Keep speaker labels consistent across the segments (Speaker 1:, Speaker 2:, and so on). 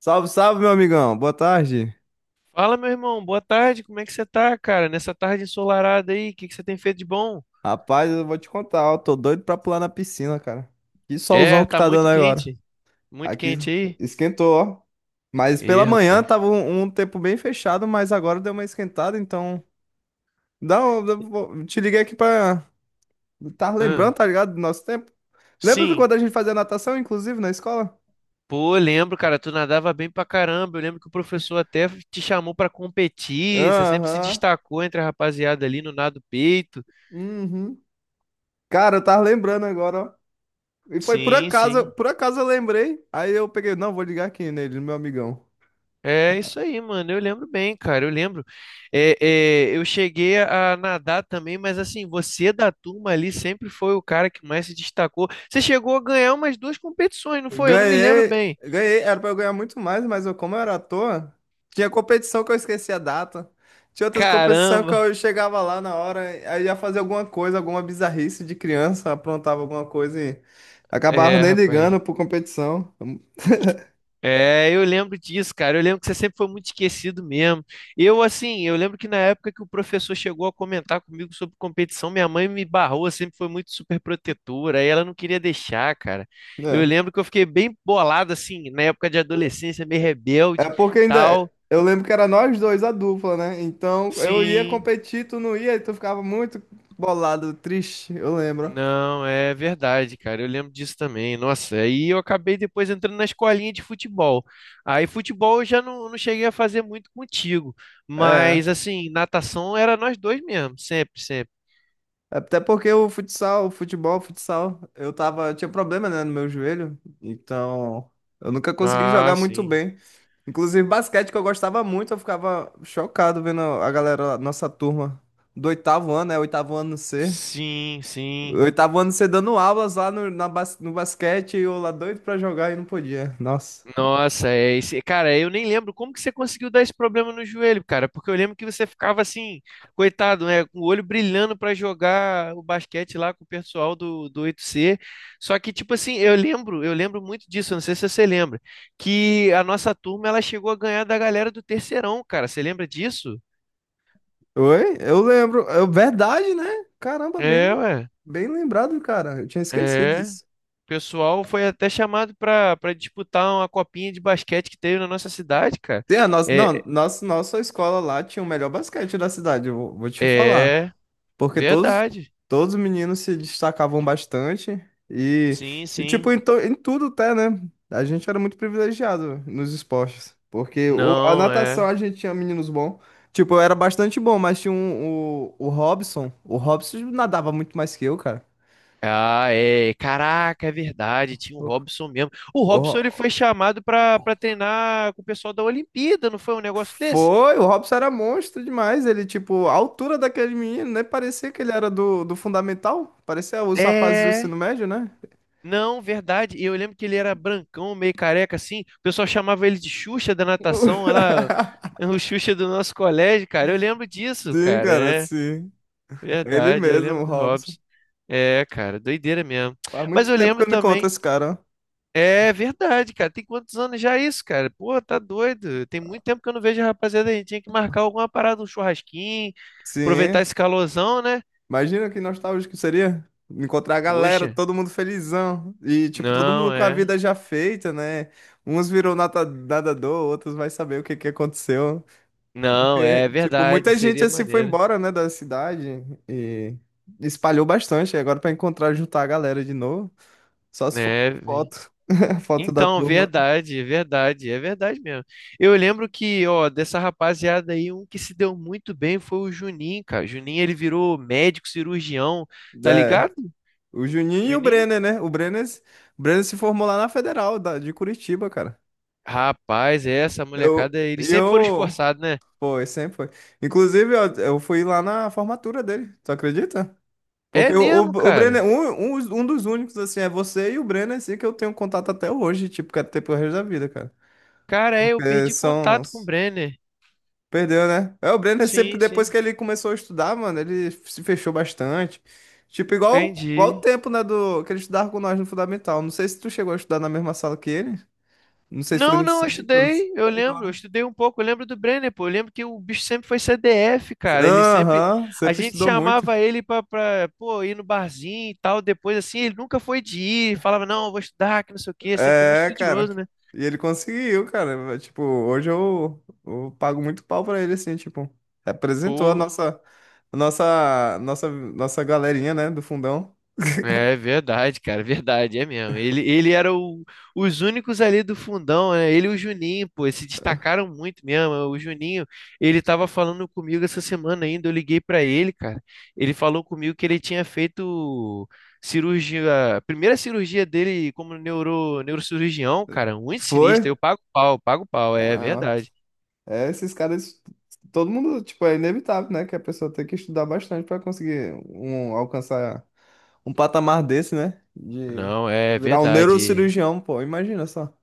Speaker 1: Salve, salve, meu amigão. Boa tarde.
Speaker 2: Fala, meu irmão, boa tarde, como é que você tá, cara? Nessa tarde ensolarada aí, o que que você tem feito de bom?
Speaker 1: Rapaz, eu vou te contar, ó, tô doido pra pular na piscina, cara. Que solzão
Speaker 2: É,
Speaker 1: que
Speaker 2: tá
Speaker 1: tá dando agora.
Speaker 2: muito
Speaker 1: Aqui
Speaker 2: quente aí?
Speaker 1: esquentou, ó. Mas pela
Speaker 2: Ê,
Speaker 1: manhã
Speaker 2: rapaz.
Speaker 1: tava um tempo bem fechado, mas agora deu uma esquentada, então. Dá um, te liguei aqui pra. Tá lembrando,
Speaker 2: Ahn,
Speaker 1: tá ligado? Do nosso tempo. Lembra de
Speaker 2: sim,
Speaker 1: quando a gente fazia natação, inclusive, na escola?
Speaker 2: pô, eu lembro, cara, tu nadava bem pra caramba, eu lembro que o professor até te chamou pra competir, você sempre se
Speaker 1: Aham.
Speaker 2: destacou entre a rapaziada ali no nado peito.
Speaker 1: Uhum. Cara, eu tava lembrando agora, ó. E foi
Speaker 2: Sim, sim.
Speaker 1: por acaso eu lembrei. Aí eu peguei, não, vou ligar aqui nele, no meu amigão.
Speaker 2: É isso aí, mano. Eu lembro bem, cara. Eu lembro. É, é, eu cheguei a nadar também, mas assim, você da turma ali sempre foi o cara que mais se destacou. Você chegou a ganhar umas duas competições, não foi? Eu não me lembro
Speaker 1: Ganhei,
Speaker 2: bem.
Speaker 1: ganhei, era pra eu ganhar muito mais, mas eu, como eu era à toa, tinha competição que eu esquecia a data. Tinha outras competições que
Speaker 2: Caramba!
Speaker 1: eu chegava lá na hora, aí ia fazer alguma coisa, alguma bizarrice de criança, aprontava alguma coisa e acabava
Speaker 2: É,
Speaker 1: nem
Speaker 2: rapaz.
Speaker 1: ligando por competição.
Speaker 2: É, eu lembro disso, cara. Eu lembro que você sempre foi muito esquecido mesmo. Eu, assim, eu lembro que na época que o professor chegou a comentar comigo sobre competição, minha mãe me barrou, sempre foi muito super protetora, aí ela não queria deixar, cara. Eu
Speaker 1: É.
Speaker 2: lembro que eu fiquei bem bolado, assim, na época de adolescência, meio rebelde,
Speaker 1: É porque ainda.
Speaker 2: tal.
Speaker 1: Eu lembro que era nós dois a dupla, né? Então eu ia
Speaker 2: Sim.
Speaker 1: competir, tu não ia, e tu ficava muito bolado, triste, eu lembro.
Speaker 2: Não, é verdade, cara. Eu lembro disso também. Nossa, aí eu acabei depois entrando na escolinha de futebol. Aí futebol eu já não cheguei a fazer muito contigo.
Speaker 1: É.
Speaker 2: Mas assim, natação era nós dois mesmo, sempre, sempre.
Speaker 1: Até porque o futsal, o futebol, o futsal, eu tava, eu tinha problema, né, no meu joelho, então eu nunca consegui
Speaker 2: Ah,
Speaker 1: jogar muito
Speaker 2: sim.
Speaker 1: bem. Inclusive basquete que eu gostava muito, eu ficava chocado vendo a galera, a nossa turma do oitavo ano, é oitavo ano C.
Speaker 2: Sim, sim.
Speaker 1: Oitavo ano C dando aulas lá no, no basquete e eu lá doido pra jogar e não podia. Nossa.
Speaker 2: Nossa, é esse. Cara, eu nem lembro como que você conseguiu dar esse problema no joelho, cara, porque eu lembro que você ficava assim, coitado, né, com o olho brilhando pra jogar o basquete lá com o pessoal do 8C. Só que tipo assim, eu lembro muito disso, eu não sei se você lembra, que a nossa turma ela chegou a ganhar da galera do terceirão, cara. Você lembra disso?
Speaker 1: Oi? Eu lembro. É verdade, né? Caramba, bem,
Speaker 2: É, ué.
Speaker 1: bem lembrado, cara. Eu tinha esquecido
Speaker 2: É.
Speaker 1: disso.
Speaker 2: O pessoal foi até chamado para disputar uma copinha de basquete que teve na nossa cidade, cara.
Speaker 1: Sim, a nossa,
Speaker 2: É,
Speaker 1: não, nossa, nossa escola lá tinha o melhor basquete da cidade, eu vou, vou te falar.
Speaker 2: é
Speaker 1: Porque todos,
Speaker 2: verdade.
Speaker 1: todos os meninos se destacavam bastante e,
Speaker 2: Sim,
Speaker 1: e tipo,
Speaker 2: sim.
Speaker 1: em tudo até, né? A gente era muito privilegiado nos esportes. Porque a
Speaker 2: Não,
Speaker 1: natação
Speaker 2: é.
Speaker 1: a gente tinha meninos bons. Tipo, eu era bastante bom, mas tinha um, o Robson. O Robson nadava muito mais que eu, cara.
Speaker 2: Ah, é. Caraca, é verdade. Tinha o Robson mesmo. O Robson ele
Speaker 1: O,
Speaker 2: foi chamado pra para treinar com o pessoal da Olimpíada, não foi um negócio desse?
Speaker 1: Foi, o Robson era monstro demais. Ele, tipo, a altura daquele menino, né? Parecia que ele era do fundamental. Parecia os rapazes do
Speaker 2: É.
Speaker 1: ensino médio, né?
Speaker 2: Não, verdade. E eu lembro que ele era brancão, meio careca assim. O pessoal chamava ele de Xuxa da natação. Ela é o Xuxa do nosso colégio, cara. Eu lembro disso,
Speaker 1: Sim,
Speaker 2: cara.
Speaker 1: cara,
Speaker 2: É
Speaker 1: sim. Ele
Speaker 2: verdade. Eu
Speaker 1: mesmo,
Speaker 2: lembro
Speaker 1: o
Speaker 2: do
Speaker 1: Robson.
Speaker 2: Robson. É, cara, doideira mesmo.
Speaker 1: Faz
Speaker 2: Mas
Speaker 1: muito
Speaker 2: eu
Speaker 1: tempo que
Speaker 2: lembro
Speaker 1: eu não encontro
Speaker 2: também.
Speaker 1: esse cara, ó.
Speaker 2: É verdade, cara. Tem quantos anos já isso, cara? Pô, tá doido. Tem muito tempo que eu não vejo a rapaziada. A gente tinha que marcar alguma parada, um churrasquinho, aproveitar
Speaker 1: Sim.
Speaker 2: esse calorzão, né?
Speaker 1: Imagina que nostálgico seria encontrar a galera,
Speaker 2: Poxa,
Speaker 1: todo mundo felizão. E, tipo, todo mundo
Speaker 2: não
Speaker 1: com a
Speaker 2: é.
Speaker 1: vida já feita, né? Uns virou nadador, outros vai saber o que que aconteceu.
Speaker 2: Não,
Speaker 1: Porque,
Speaker 2: é
Speaker 1: tipo,
Speaker 2: verdade.
Speaker 1: muita gente
Speaker 2: Seria
Speaker 1: assim foi
Speaker 2: maneiro,
Speaker 1: embora, né, da cidade e espalhou bastante. E agora pra encontrar, juntar a galera de novo, só se for
Speaker 2: né?
Speaker 1: por foto, foto da
Speaker 2: Então,
Speaker 1: turma.
Speaker 2: verdade, é verdade. É verdade mesmo. Eu lembro que, ó, dessa rapaziada aí, um que se deu muito bem foi o Juninho, cara. Juninho, ele virou médico cirurgião, tá
Speaker 1: É,
Speaker 2: ligado?
Speaker 1: o Juninho e o
Speaker 2: Juninho?
Speaker 1: Brenner, né? O Brenner se formou lá na Federal da, de Curitiba, cara.
Speaker 2: Rapaz, é essa
Speaker 1: Eu,
Speaker 2: molecada, eles sempre foram
Speaker 1: eu,
Speaker 2: esforçados, né?
Speaker 1: foi, sempre foi. Inclusive, ó, eu fui lá na formatura dele, tu acredita?
Speaker 2: É
Speaker 1: Porque o, o,
Speaker 2: mesmo,
Speaker 1: o Brenner,
Speaker 2: cara.
Speaker 1: um dos únicos, assim, é você e o Brenner, assim, que eu tenho contato até hoje, tipo, que é até pro resto da vida, cara.
Speaker 2: Cara, é, eu
Speaker 1: Porque
Speaker 2: perdi
Speaker 1: são.
Speaker 2: contato com o Brenner.
Speaker 1: Perdeu, né? É, o Brenner sempre,
Speaker 2: Sim,
Speaker 1: depois
Speaker 2: sim,
Speaker 1: que ele começou a estudar, mano, ele se fechou bastante. Tipo, igual o
Speaker 2: entendi.
Speaker 1: tempo, né, do, que ele estudava com nós no fundamental. Não sei se tu chegou a estudar na mesma sala que ele. Não sei se foi
Speaker 2: Não,
Speaker 1: no
Speaker 2: não, eu
Speaker 1: centro, não sei.
Speaker 2: estudei, eu
Speaker 1: Estudou,
Speaker 2: lembro, eu
Speaker 1: né?
Speaker 2: estudei um pouco, eu lembro do Brenner, pô, eu lembro que o bicho sempre foi CDF, cara, ele sempre,
Speaker 1: Aham,
Speaker 2: a
Speaker 1: sempre
Speaker 2: gente
Speaker 1: estudou muito.
Speaker 2: chamava ele pô, ir no barzinho e tal, depois assim, ele nunca foi de ir, falava, não, eu vou estudar, que não sei o quê, sempre foi muito
Speaker 1: É, cara.
Speaker 2: estudioso, né?
Speaker 1: E ele conseguiu, cara. Tipo, hoje eu pago muito pau pra ele, assim, tipo, representou
Speaker 2: Pô,
Speaker 1: nossa galerinha, né, do fundão.
Speaker 2: é verdade, cara, verdade, é mesmo. Ele era os únicos ali do fundão, né? Ele e o Juninho, pô, eles se destacaram muito mesmo. O Juninho, ele tava falando comigo essa semana ainda, eu liguei pra ele, cara. Ele falou comigo que ele tinha feito cirurgia, a primeira cirurgia dele como neurocirurgião, cara, muito
Speaker 1: Foi?
Speaker 2: sinistro. Eu pago pau, é
Speaker 1: Caramba.
Speaker 2: verdade.
Speaker 1: É, esses caras, todo mundo, tipo, é inevitável, né? Que a pessoa tem que estudar bastante para conseguir um, alcançar um patamar desse, né? De
Speaker 2: Não, é
Speaker 1: virar um
Speaker 2: verdade.
Speaker 1: neurocirurgião, pô, imagina só.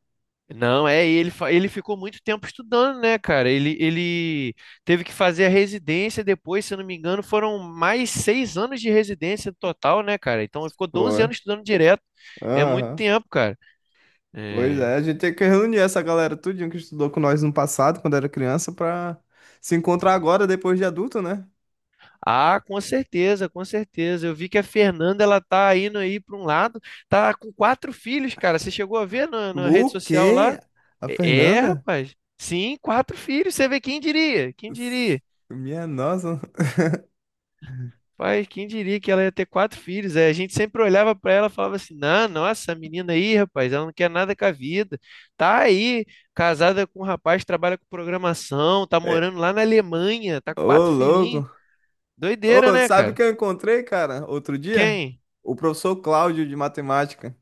Speaker 2: Não, é, ele, ele ficou muito tempo estudando, né, cara? Ele teve que fazer a residência depois, se eu não me engano, foram mais 6 anos de residência no total, né, cara? Então ele ficou
Speaker 1: Pô,
Speaker 2: doze
Speaker 1: é.
Speaker 2: anos estudando direto. É muito
Speaker 1: Aham.
Speaker 2: tempo, cara.
Speaker 1: Pois
Speaker 2: É.
Speaker 1: é, a gente tem que reunir essa galera tudinho que estudou com nós no passado, quando era criança, pra se encontrar agora, depois de adulto, né?
Speaker 2: Ah, com certeza, com certeza. Eu vi que a Fernanda, ela tá indo aí para um lado, tá com quatro filhos, cara. Você chegou a ver na, na rede
Speaker 1: O
Speaker 2: social lá?
Speaker 1: quê? A
Speaker 2: É, é,
Speaker 1: Fernanda?
Speaker 2: rapaz. Sim, quatro filhos. Você vê quem diria? Quem
Speaker 1: S-
Speaker 2: diria?
Speaker 1: Minha nossa.
Speaker 2: Pai, quem diria que ela ia ter quatro filhos? É, a gente sempre olhava para ela e falava assim: não, nossa, essa menina aí, rapaz, ela não quer nada com a vida. Tá aí, casada com um rapaz, trabalha com programação, tá
Speaker 1: É,
Speaker 2: morando lá na Alemanha, tá com
Speaker 1: ô,
Speaker 2: quatro filhinhos.
Speaker 1: louco.
Speaker 2: Doideira,
Speaker 1: Ô,
Speaker 2: né,
Speaker 1: sabe o
Speaker 2: cara?
Speaker 1: que eu encontrei, cara, outro dia?
Speaker 2: Quem?
Speaker 1: O professor Cláudio de matemática.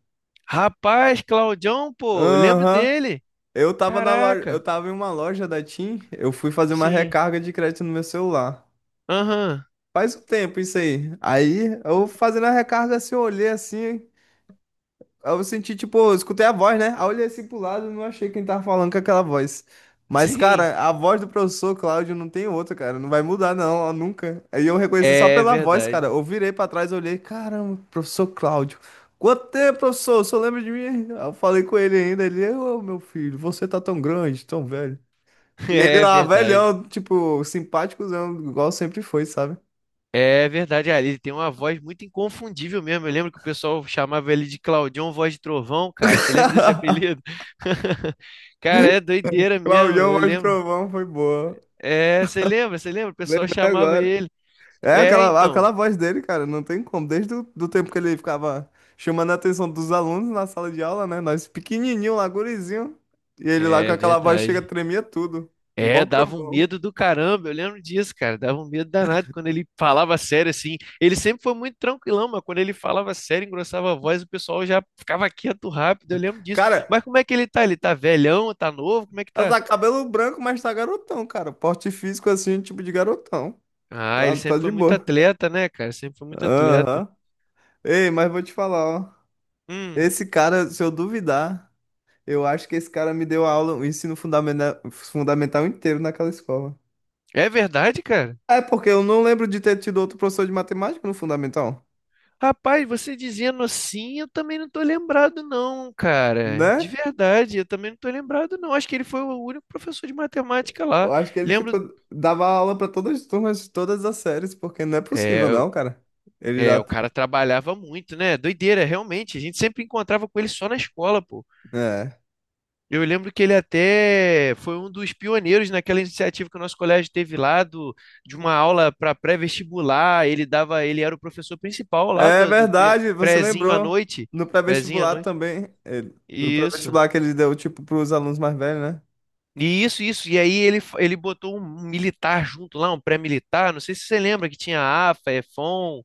Speaker 2: Rapaz, Claudião, pô, eu lembro
Speaker 1: Aham.
Speaker 2: dele.
Speaker 1: Eu tava na loja, eu
Speaker 2: Caraca,
Speaker 1: tava em uma loja da TIM, eu fui fazer uma
Speaker 2: sim,
Speaker 1: recarga de crédito no meu celular.
Speaker 2: aham,
Speaker 1: Faz um tempo isso aí. Aí eu fazendo a recarga assim, eu olhei assim, aí eu senti, tipo, eu escutei a voz, né? Aí eu olhei assim pro lado e não achei quem tava falando com aquela voz. Mas,
Speaker 2: sim,
Speaker 1: cara, a voz do professor Cláudio não tem outra, cara. Não vai mudar, não, ó, nunca. Aí eu reconheci só
Speaker 2: é
Speaker 1: pela voz, cara.
Speaker 2: verdade,
Speaker 1: Eu virei pra trás, olhei, caramba, professor Cláudio. Quanto tempo, professor? O senhor lembra de mim? Aí eu falei com ele ainda. Ele, ô, meu filho, você tá tão grande, tão velho. E ele
Speaker 2: é
Speaker 1: lá,
Speaker 2: verdade.
Speaker 1: velhão, tipo, simpáticozão, igual sempre foi, sabe?
Speaker 2: É verdade, ah, ele tem uma voz muito inconfundível mesmo. Eu lembro que o pessoal chamava ele de Claudião Voz de Trovão, cara. Você lembra desse apelido? Cara, é doideira mesmo,
Speaker 1: Claudião
Speaker 2: eu
Speaker 1: Voz do
Speaker 2: lembro.
Speaker 1: Trovão foi boa.
Speaker 2: É, você lembra, você lembra? O pessoal
Speaker 1: Lembrei
Speaker 2: chamava
Speaker 1: agora.
Speaker 2: ele.
Speaker 1: É
Speaker 2: É,
Speaker 1: aquela,
Speaker 2: então.
Speaker 1: aquela voz dele, cara, não tem como. Desde o do tempo que ele ficava chamando a atenção dos alunos na sala de aula, né? Nós pequenininho lá, gurizinho. E ele lá com
Speaker 2: É
Speaker 1: aquela voz chega,
Speaker 2: verdade.
Speaker 1: tremia tudo. Igual
Speaker 2: É,
Speaker 1: o
Speaker 2: dava um
Speaker 1: trovão.
Speaker 2: medo do caramba, eu lembro disso, cara. Dava um medo danado quando ele falava sério assim. Ele sempre foi muito tranquilão, mas quando ele falava sério, engrossava a voz, o pessoal já ficava quieto rápido, eu lembro disso.
Speaker 1: Cara,
Speaker 2: Mas como é que ele tá? Ele tá velhão, tá novo? Como é que tá?
Speaker 1: tá cabelo branco, mas tá garotão, cara. Porte físico assim, tipo de garotão.
Speaker 2: Ah, ele
Speaker 1: Tá, tá
Speaker 2: sempre
Speaker 1: de
Speaker 2: foi muito
Speaker 1: boa.
Speaker 2: atleta, né, cara? Sempre foi muito atleta.
Speaker 1: Aham. Ei, mas vou te falar, ó.
Speaker 2: Hum,
Speaker 1: Esse cara, se eu duvidar, eu acho que esse cara me deu aula, o ensino fundamental inteiro naquela escola.
Speaker 2: é verdade, cara?
Speaker 1: É porque eu não lembro de ter tido outro professor de matemática no fundamental,
Speaker 2: Rapaz, você dizendo assim, eu também não tô lembrado, não, cara. De
Speaker 1: né?
Speaker 2: verdade, eu também não tô lembrado, não. Acho que ele foi o único professor de matemática
Speaker 1: Eu
Speaker 2: lá.
Speaker 1: acho que ele, tipo,
Speaker 2: Lembro.
Speaker 1: dava aula pra todas as turmas, todas as séries, porque não é possível,
Speaker 2: É,
Speaker 1: não, cara. Ele
Speaker 2: é, o
Speaker 1: dá.
Speaker 2: cara trabalhava muito, né? Doideira, realmente. A gente sempre encontrava com ele só na escola, pô.
Speaker 1: É.
Speaker 2: Eu lembro que ele até foi um dos pioneiros naquela iniciativa que o nosso colégio teve lá do, de uma aula para pré-vestibular. Ele dava, ele era o professor principal lá
Speaker 1: É
Speaker 2: do
Speaker 1: verdade, você
Speaker 2: prézinho à
Speaker 1: lembrou.
Speaker 2: noite,
Speaker 1: No
Speaker 2: prézinho à
Speaker 1: pré-vestibular
Speaker 2: noite.
Speaker 1: também. Ele... No
Speaker 2: Isso.
Speaker 1: pré-vestibular que ele deu, tipo, pros alunos mais velhos, né?
Speaker 2: E isso, isso. E aí ele, ele botou um militar junto lá, um pré-militar. Não sei se você lembra que tinha AFA, EFON.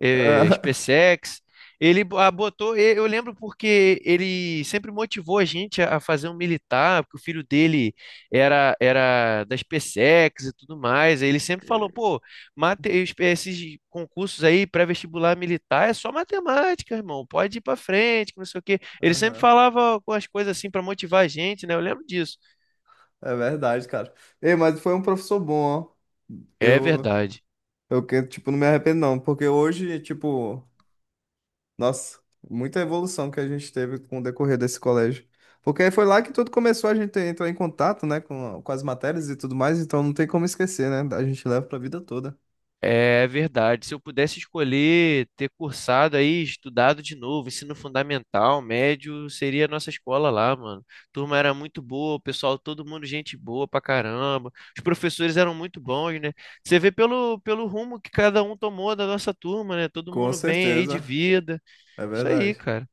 Speaker 2: SpaceX. Ele botou, eu lembro porque ele sempre motivou a gente a fazer um militar, porque o filho dele era da SpaceX e tudo mais. Aí ele sempre falou, pô, mate, esses concursos aí pré-vestibular militar é só matemática, irmão. Pode ir pra frente, que não sei o quê.
Speaker 1: É.
Speaker 2: Ele sempre
Speaker 1: Aham.
Speaker 2: falava com as coisas assim pra motivar a gente, né? Eu lembro disso.
Speaker 1: É verdade, cara. Ei, mas foi um professor bom, ó.
Speaker 2: É
Speaker 1: Eu,
Speaker 2: verdade.
Speaker 1: tipo, não me arrependo, não, porque hoje, tipo. Nossa, muita evolução que a gente teve com o decorrer desse colégio. Porque foi lá que tudo começou, a gente entrar em contato, né, com as matérias e tudo mais, então não tem como esquecer, né? A gente leva pra vida toda.
Speaker 2: É verdade. Se eu pudesse escolher ter cursado aí, estudado de novo, ensino fundamental, médio, seria a nossa escola lá, mano. Turma era muito boa, o pessoal, todo mundo gente boa pra caramba. Os professores eram muito bons, né? Você vê pelo, pelo rumo que cada um tomou da nossa turma, né? Todo
Speaker 1: Com
Speaker 2: mundo bem aí de
Speaker 1: certeza,
Speaker 2: vida.
Speaker 1: é
Speaker 2: Isso aí,
Speaker 1: verdade.
Speaker 2: cara.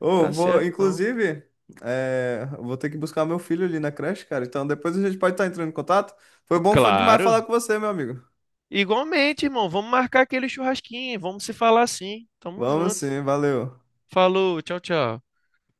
Speaker 1: Ô,
Speaker 2: Tá
Speaker 1: vou,
Speaker 2: certo, então.
Speaker 1: inclusive, é, vou ter que buscar meu filho ali na creche, cara. Então depois a gente pode estar entrando em contato. Foi bom demais
Speaker 2: Claro.
Speaker 1: falar com você, meu amigo.
Speaker 2: Igualmente, irmão. Vamos marcar aquele churrasquinho. Vamos se falar sim. Tamo
Speaker 1: Vamos
Speaker 2: junto.
Speaker 1: sim, valeu.
Speaker 2: Falou, tchau, tchau.